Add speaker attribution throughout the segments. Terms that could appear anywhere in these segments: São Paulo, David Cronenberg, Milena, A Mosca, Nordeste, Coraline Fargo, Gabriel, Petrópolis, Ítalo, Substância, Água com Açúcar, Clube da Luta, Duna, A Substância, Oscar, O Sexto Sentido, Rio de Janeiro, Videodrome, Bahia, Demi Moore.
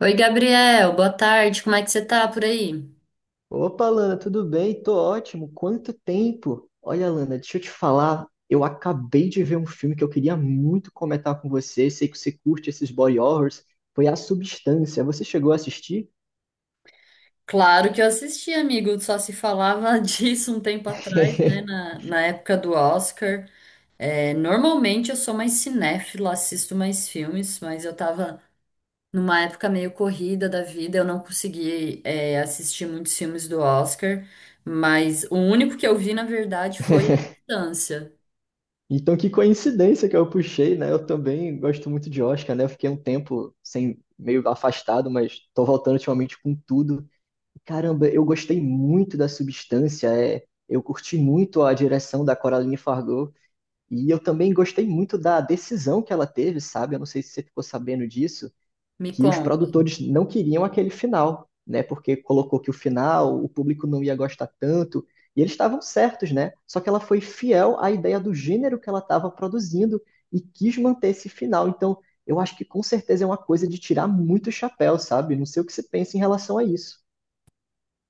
Speaker 1: Oi, Gabriel, boa tarde, como é que você tá por aí?
Speaker 2: Opa, Lana, tudo bem? Tô ótimo. Quanto tempo? Olha, Lana, deixa eu te falar. Eu acabei de ver um filme que eu queria muito comentar com você. Sei que você curte esses body horrors. Foi A Substância. Você chegou a assistir?
Speaker 1: Claro que eu assisti, amigo, só se falava disso um tempo atrás, né, na época do Oscar. É, normalmente eu sou mais cinéfila, assisto mais filmes, mas eu tava numa época meio corrida da vida, eu não consegui, assistir muitos filmes do Oscar, mas o único que eu vi, na verdade, foi distância.
Speaker 2: Então, que coincidência que eu puxei, né? Eu também gosto muito de Oscar, né? Eu fiquei um tempo sem, meio afastado, mas tô voltando ultimamente com tudo. Caramba, eu gostei muito da substância, eu curti muito a direção da Coraline Fargo. E eu também gostei muito da decisão que ela teve, sabe? Eu não sei se você ficou sabendo disso,
Speaker 1: Me
Speaker 2: que os
Speaker 1: conta.
Speaker 2: produtores não queriam aquele final, né? Porque colocou que o final, o público não ia gostar tanto, e eles estavam certos, né? Só que ela foi fiel à ideia do gênero que ela estava produzindo e quis manter esse final. Então, eu acho que com certeza é uma coisa de tirar muito chapéu, sabe? Não sei o que você pensa em relação a isso.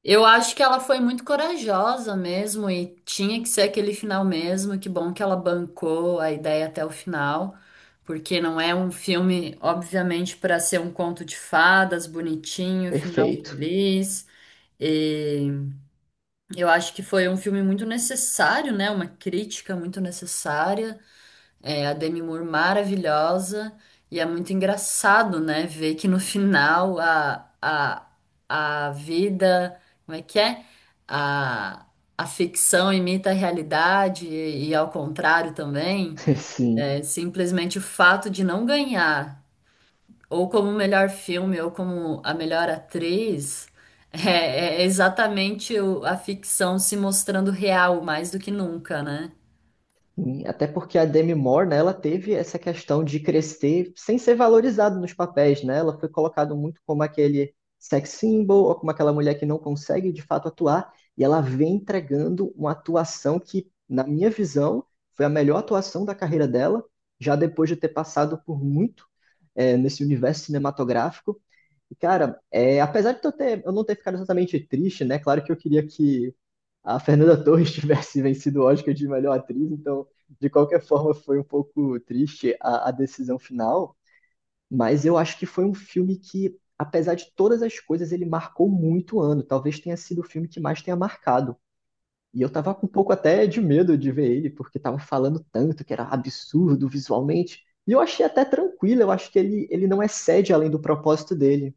Speaker 1: Eu acho que ela foi muito corajosa mesmo e tinha que ser aquele final mesmo. Que bom que ela bancou a ideia até o final, porque não é um filme, obviamente, para ser um conto de fadas bonitinho, final
Speaker 2: Perfeito.
Speaker 1: feliz. E eu acho que foi um filme muito necessário, né? Uma crítica muito necessária. É, a Demi Moore maravilhosa. E é muito engraçado, né? Ver que no final a vida. Como é que é? A, a ficção imita a realidade e ao contrário também.
Speaker 2: Sim.
Speaker 1: É, simplesmente o fato de não ganhar, ou como melhor filme, ou como a melhor atriz, é exatamente a ficção se mostrando real mais do que nunca, né?
Speaker 2: Sim, até porque a Demi Moore, né, ela teve essa questão de crescer sem ser valorizada nos papéis, né? Ela foi colocada muito como aquele sex symbol, ou como aquela mulher que não consegue de fato atuar, e ela vem entregando uma atuação que, na minha visão, foi a melhor atuação da carreira dela, já depois de ter passado por muito, nesse universo cinematográfico. E, cara, apesar de eu não ter ficado exatamente triste, né? Claro que eu queria que a Fernanda Torres tivesse vencido o Oscar de melhor atriz, então de qualquer forma, foi um pouco triste a decisão final, mas eu acho que foi um filme que, apesar de todas as coisas, ele marcou muito o ano. Talvez tenha sido o filme que mais tenha marcado. E eu tava com um pouco até de medo de ver ele, porque tava falando tanto que era absurdo visualmente. E eu achei até tranquilo, eu acho que ele não excede além do propósito dele.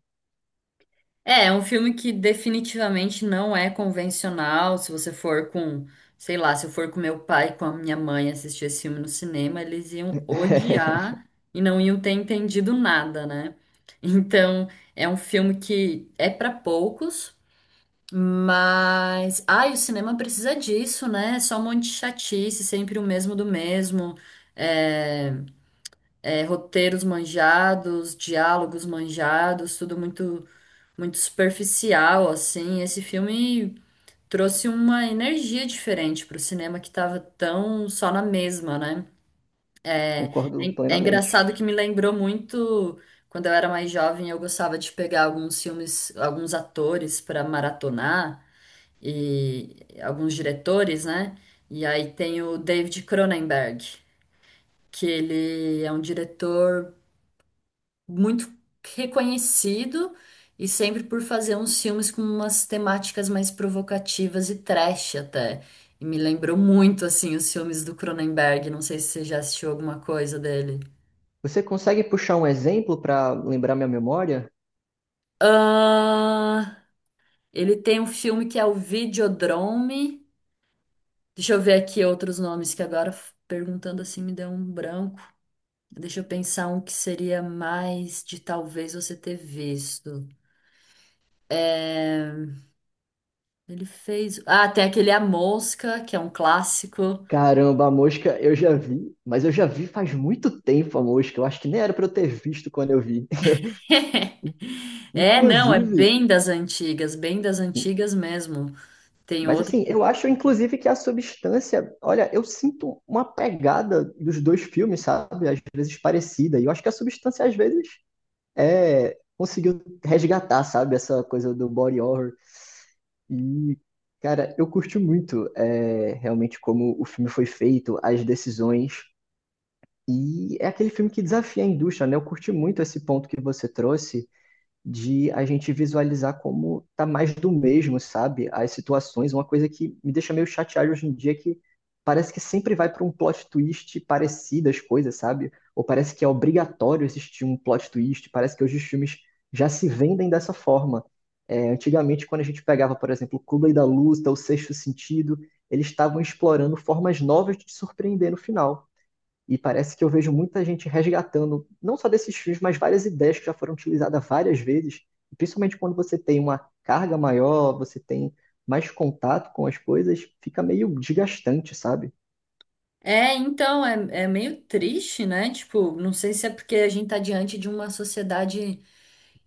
Speaker 1: É um filme que definitivamente não é convencional. Se você for com, sei lá, se eu for com meu pai e com a minha mãe assistir esse filme no cinema, eles iam odiar e não iam ter entendido nada, né? Então, é um filme que é para poucos, mas ai, o cinema precisa disso, né? É só um monte de chatice, sempre o mesmo do mesmo. É, roteiros manjados, diálogos manjados, tudo muito muito superficial, assim. Esse filme trouxe uma energia diferente pro cinema que tava tão só na mesma, né? É,
Speaker 2: Concordo
Speaker 1: é é
Speaker 2: plenamente.
Speaker 1: engraçado que me lembrou muito quando eu era mais jovem, eu gostava de pegar alguns filmes, alguns atores para maratonar e alguns diretores, né? E aí tem o David Cronenberg, que ele é um diretor muito reconhecido e sempre por fazer uns filmes com umas temáticas mais provocativas e trash até. E me lembrou muito assim os filmes do Cronenberg, não sei se você já assistiu alguma coisa dele.
Speaker 2: Você consegue puxar um exemplo para lembrar minha memória?
Speaker 1: Ah, ele tem um filme que é o Videodrome. Deixa eu ver aqui outros nomes que agora perguntando assim me deu um branco. Deixa eu pensar um que seria mais de talvez você ter visto. É, Ele fez. Ah, tem aquele A Mosca, que é um clássico.
Speaker 2: Caramba, A Mosca eu já vi, mas eu já vi faz muito tempo A Mosca. Eu acho que nem era pra eu ter visto quando eu vi.
Speaker 1: É, não, é
Speaker 2: Inclusive,
Speaker 1: bem das antigas mesmo. Tem
Speaker 2: mas
Speaker 1: outro
Speaker 2: assim,
Speaker 1: que.
Speaker 2: eu acho inclusive que a substância, olha, eu sinto uma pegada dos dois filmes, sabe? Às vezes parecida. E eu acho que a substância às vezes conseguiu resgatar, sabe? Essa coisa do body horror. E cara, eu curti muito realmente como o filme foi feito, as decisões. E é aquele filme que desafia a indústria, né? Eu curti muito esse ponto que você trouxe de a gente visualizar como tá mais do mesmo, sabe? As situações, uma coisa que me deixa meio chateado hoje em dia é que parece que sempre vai para um plot twist parecido as coisas, sabe? Ou parece que é obrigatório existir um plot twist, parece que hoje os filmes já se vendem dessa forma. É, antigamente, quando a gente pegava, por exemplo, Clube da Luta, O Sexto Sentido, eles estavam explorando formas novas de te surpreender no final. E parece que eu vejo muita gente resgatando, não só desses filmes, mas várias ideias que já foram utilizadas várias vezes. Principalmente quando você tem uma carga maior, você tem mais contato com as coisas, fica meio desgastante, sabe?
Speaker 1: É, então, é meio triste, né? Tipo, não sei se é porque a gente tá diante de uma sociedade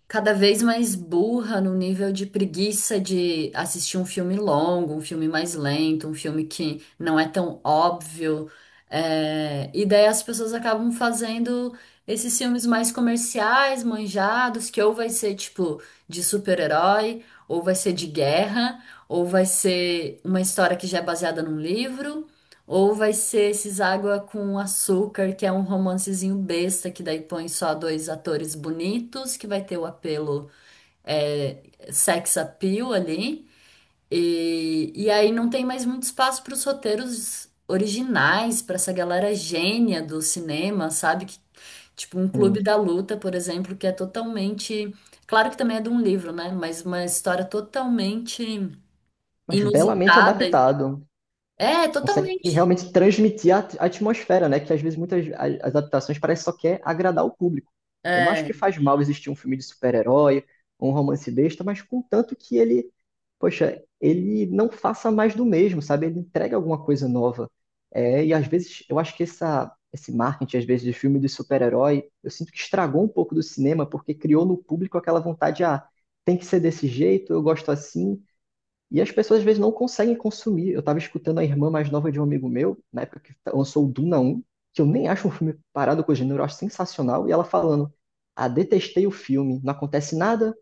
Speaker 1: cada vez mais burra no nível de preguiça de assistir um filme longo, um filme mais lento, um filme que não é tão óbvio. E daí as pessoas acabam fazendo esses filmes mais comerciais, manjados, que ou vai ser tipo de super-herói, ou vai ser de guerra, ou vai ser uma história que já é baseada num livro. Ou vai ser esses Água com Açúcar, que é um romancezinho besta, que daí põe só dois atores bonitos, que vai ter o apelo, é, sex appeal ali. E aí não tem mais muito espaço para os roteiros originais, para essa galera gênia do cinema, sabe? Que, tipo, um
Speaker 2: Sim.
Speaker 1: Clube da Luta, por exemplo, que é totalmente. Claro que também é de um livro, né? Mas uma história totalmente
Speaker 2: Mas belamente
Speaker 1: inusitada.
Speaker 2: adaptado.
Speaker 1: É,
Speaker 2: Consegue
Speaker 1: totalmente.
Speaker 2: realmente transmitir a atmosfera, né? Que às vezes muitas as adaptações parece só quer agradar o público. Eu não acho
Speaker 1: é
Speaker 2: que faz mal existir um filme de super-herói, um romance besta, mas contanto que ele, poxa, ele não faça mais do mesmo, sabe? Ele entrega alguma coisa nova. É, e às vezes eu acho que esse marketing, às vezes, de filme de super-herói, eu sinto que estragou um pouco do cinema, porque criou no público aquela vontade, ah, tem que ser desse jeito, eu gosto assim. E as pessoas às vezes não conseguem consumir. Eu estava escutando a irmã mais nova de um amigo meu, na época que lançou o Duna um que eu nem acho um filme parado com o gênero, eu acho sensacional, e ela falando: Ah, detestei o filme, não acontece nada.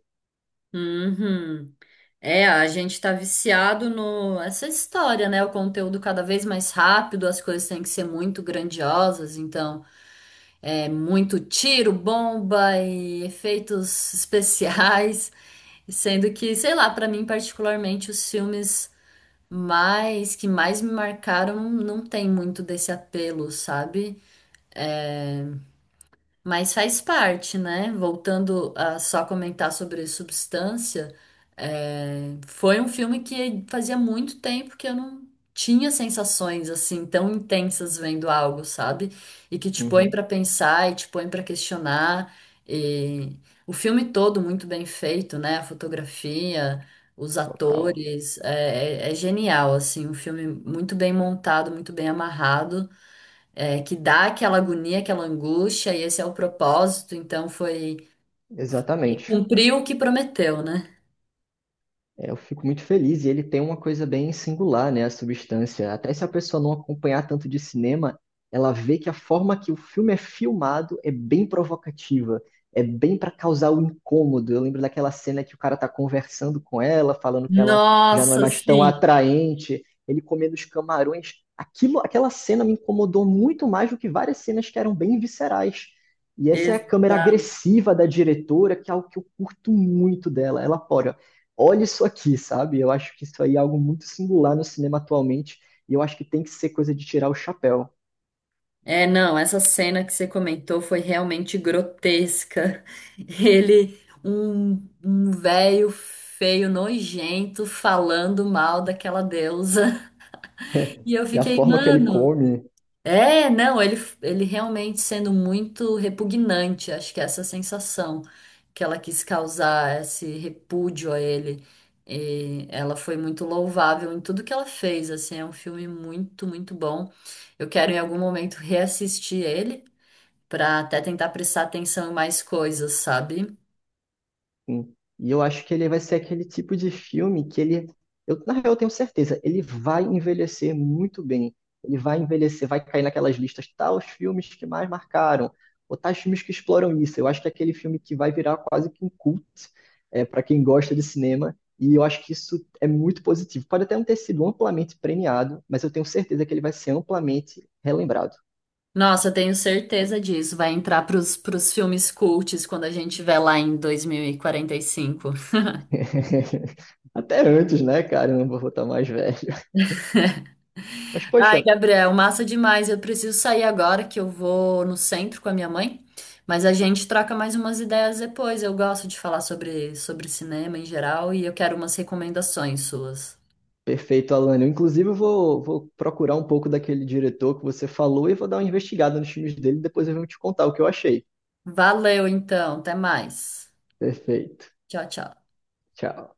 Speaker 1: Uhum. É, a gente tá viciado no essa história, né? O conteúdo cada vez mais rápido, as coisas têm que ser muito grandiosas, então é muito tiro, bomba e efeitos especiais, sendo que, sei lá, pra mim particularmente os filmes mais me marcaram não tem muito desse apelo, sabe? Mas faz parte, né? Voltando a só comentar sobre Substância, foi um filme que fazia muito tempo que eu não tinha sensações assim tão intensas vendo algo, sabe? E que te põe
Speaker 2: Uhum.
Speaker 1: pra pensar e te põe pra questionar. E o filme todo muito bem feito, né? A fotografia, os
Speaker 2: Total.
Speaker 1: atores, é genial, assim, um filme muito bem montado, muito bem amarrado, que dá aquela agonia, aquela angústia, e esse é o propósito, então
Speaker 2: Exatamente.
Speaker 1: cumpriu o que prometeu, né?
Speaker 2: É, eu fico muito feliz. E ele tem uma coisa bem singular, né? A substância. Até se a pessoa não acompanhar tanto de cinema, ela vê que a forma que o filme é filmado é bem provocativa. É bem para causar o incômodo. Eu lembro daquela cena que o cara tá conversando com ela, falando que ela já não é
Speaker 1: Nossa,
Speaker 2: mais tão
Speaker 1: sim,
Speaker 2: atraente, ele comendo os camarões. Aquilo, aquela cena me incomodou muito mais do que várias cenas que eram bem viscerais. E essa é a câmera
Speaker 1: exato.
Speaker 2: agressiva da diretora, que é algo que eu curto muito dela. Ela pode, olha isso aqui, sabe? Eu acho que isso aí é algo muito singular no cinema atualmente, e eu acho que tem que ser coisa de tirar o chapéu.
Speaker 1: É, não, essa cena que você comentou foi realmente grotesca. Ele, um, um velho feio, nojento, falando mal daquela deusa. E eu
Speaker 2: E a
Speaker 1: fiquei,
Speaker 2: forma que ele
Speaker 1: mano.
Speaker 2: come.
Speaker 1: É, não, ele realmente sendo muito repugnante, acho que é essa sensação que ela quis causar, esse repúdio a ele, e ela foi muito louvável em tudo que ela fez, assim, é um filme muito, muito bom. Eu quero em algum momento reassistir ele para até tentar prestar atenção em mais coisas, sabe?
Speaker 2: Sim. E eu acho que ele vai ser aquele tipo de filme que eu, na real, eu tenho certeza, ele vai envelhecer muito bem. Ele vai envelhecer, vai cair naquelas listas, tais filmes que mais marcaram, ou tais filmes que exploram isso. Eu acho que é aquele filme que vai virar quase que um cult, para quem gosta de cinema, e eu acho que isso é muito positivo. Pode até não ter sido amplamente premiado, mas eu tenho certeza que ele vai ser amplamente relembrado.
Speaker 1: Nossa, eu tenho certeza disso, vai entrar pros, pros filmes cults quando a gente estiver lá em dois mil e quarenta e cinco.
Speaker 2: Até antes, né, cara? Eu não vou botar mais velho. Mas,
Speaker 1: Ai,
Speaker 2: poxa,
Speaker 1: Gabriel, massa demais. Eu preciso sair agora que eu vou no centro com a minha mãe, mas a gente troca mais umas ideias depois. Eu gosto de falar sobre, sobre cinema em geral e eu quero umas recomendações suas.
Speaker 2: perfeito, Alane. Inclusive, eu vou procurar um pouco daquele diretor que você falou e vou dar uma investigada nos filmes dele e depois eu vou te contar o que eu achei.
Speaker 1: Valeu, então. Até mais.
Speaker 2: Perfeito.
Speaker 1: Tchau, tchau.
Speaker 2: Tchau.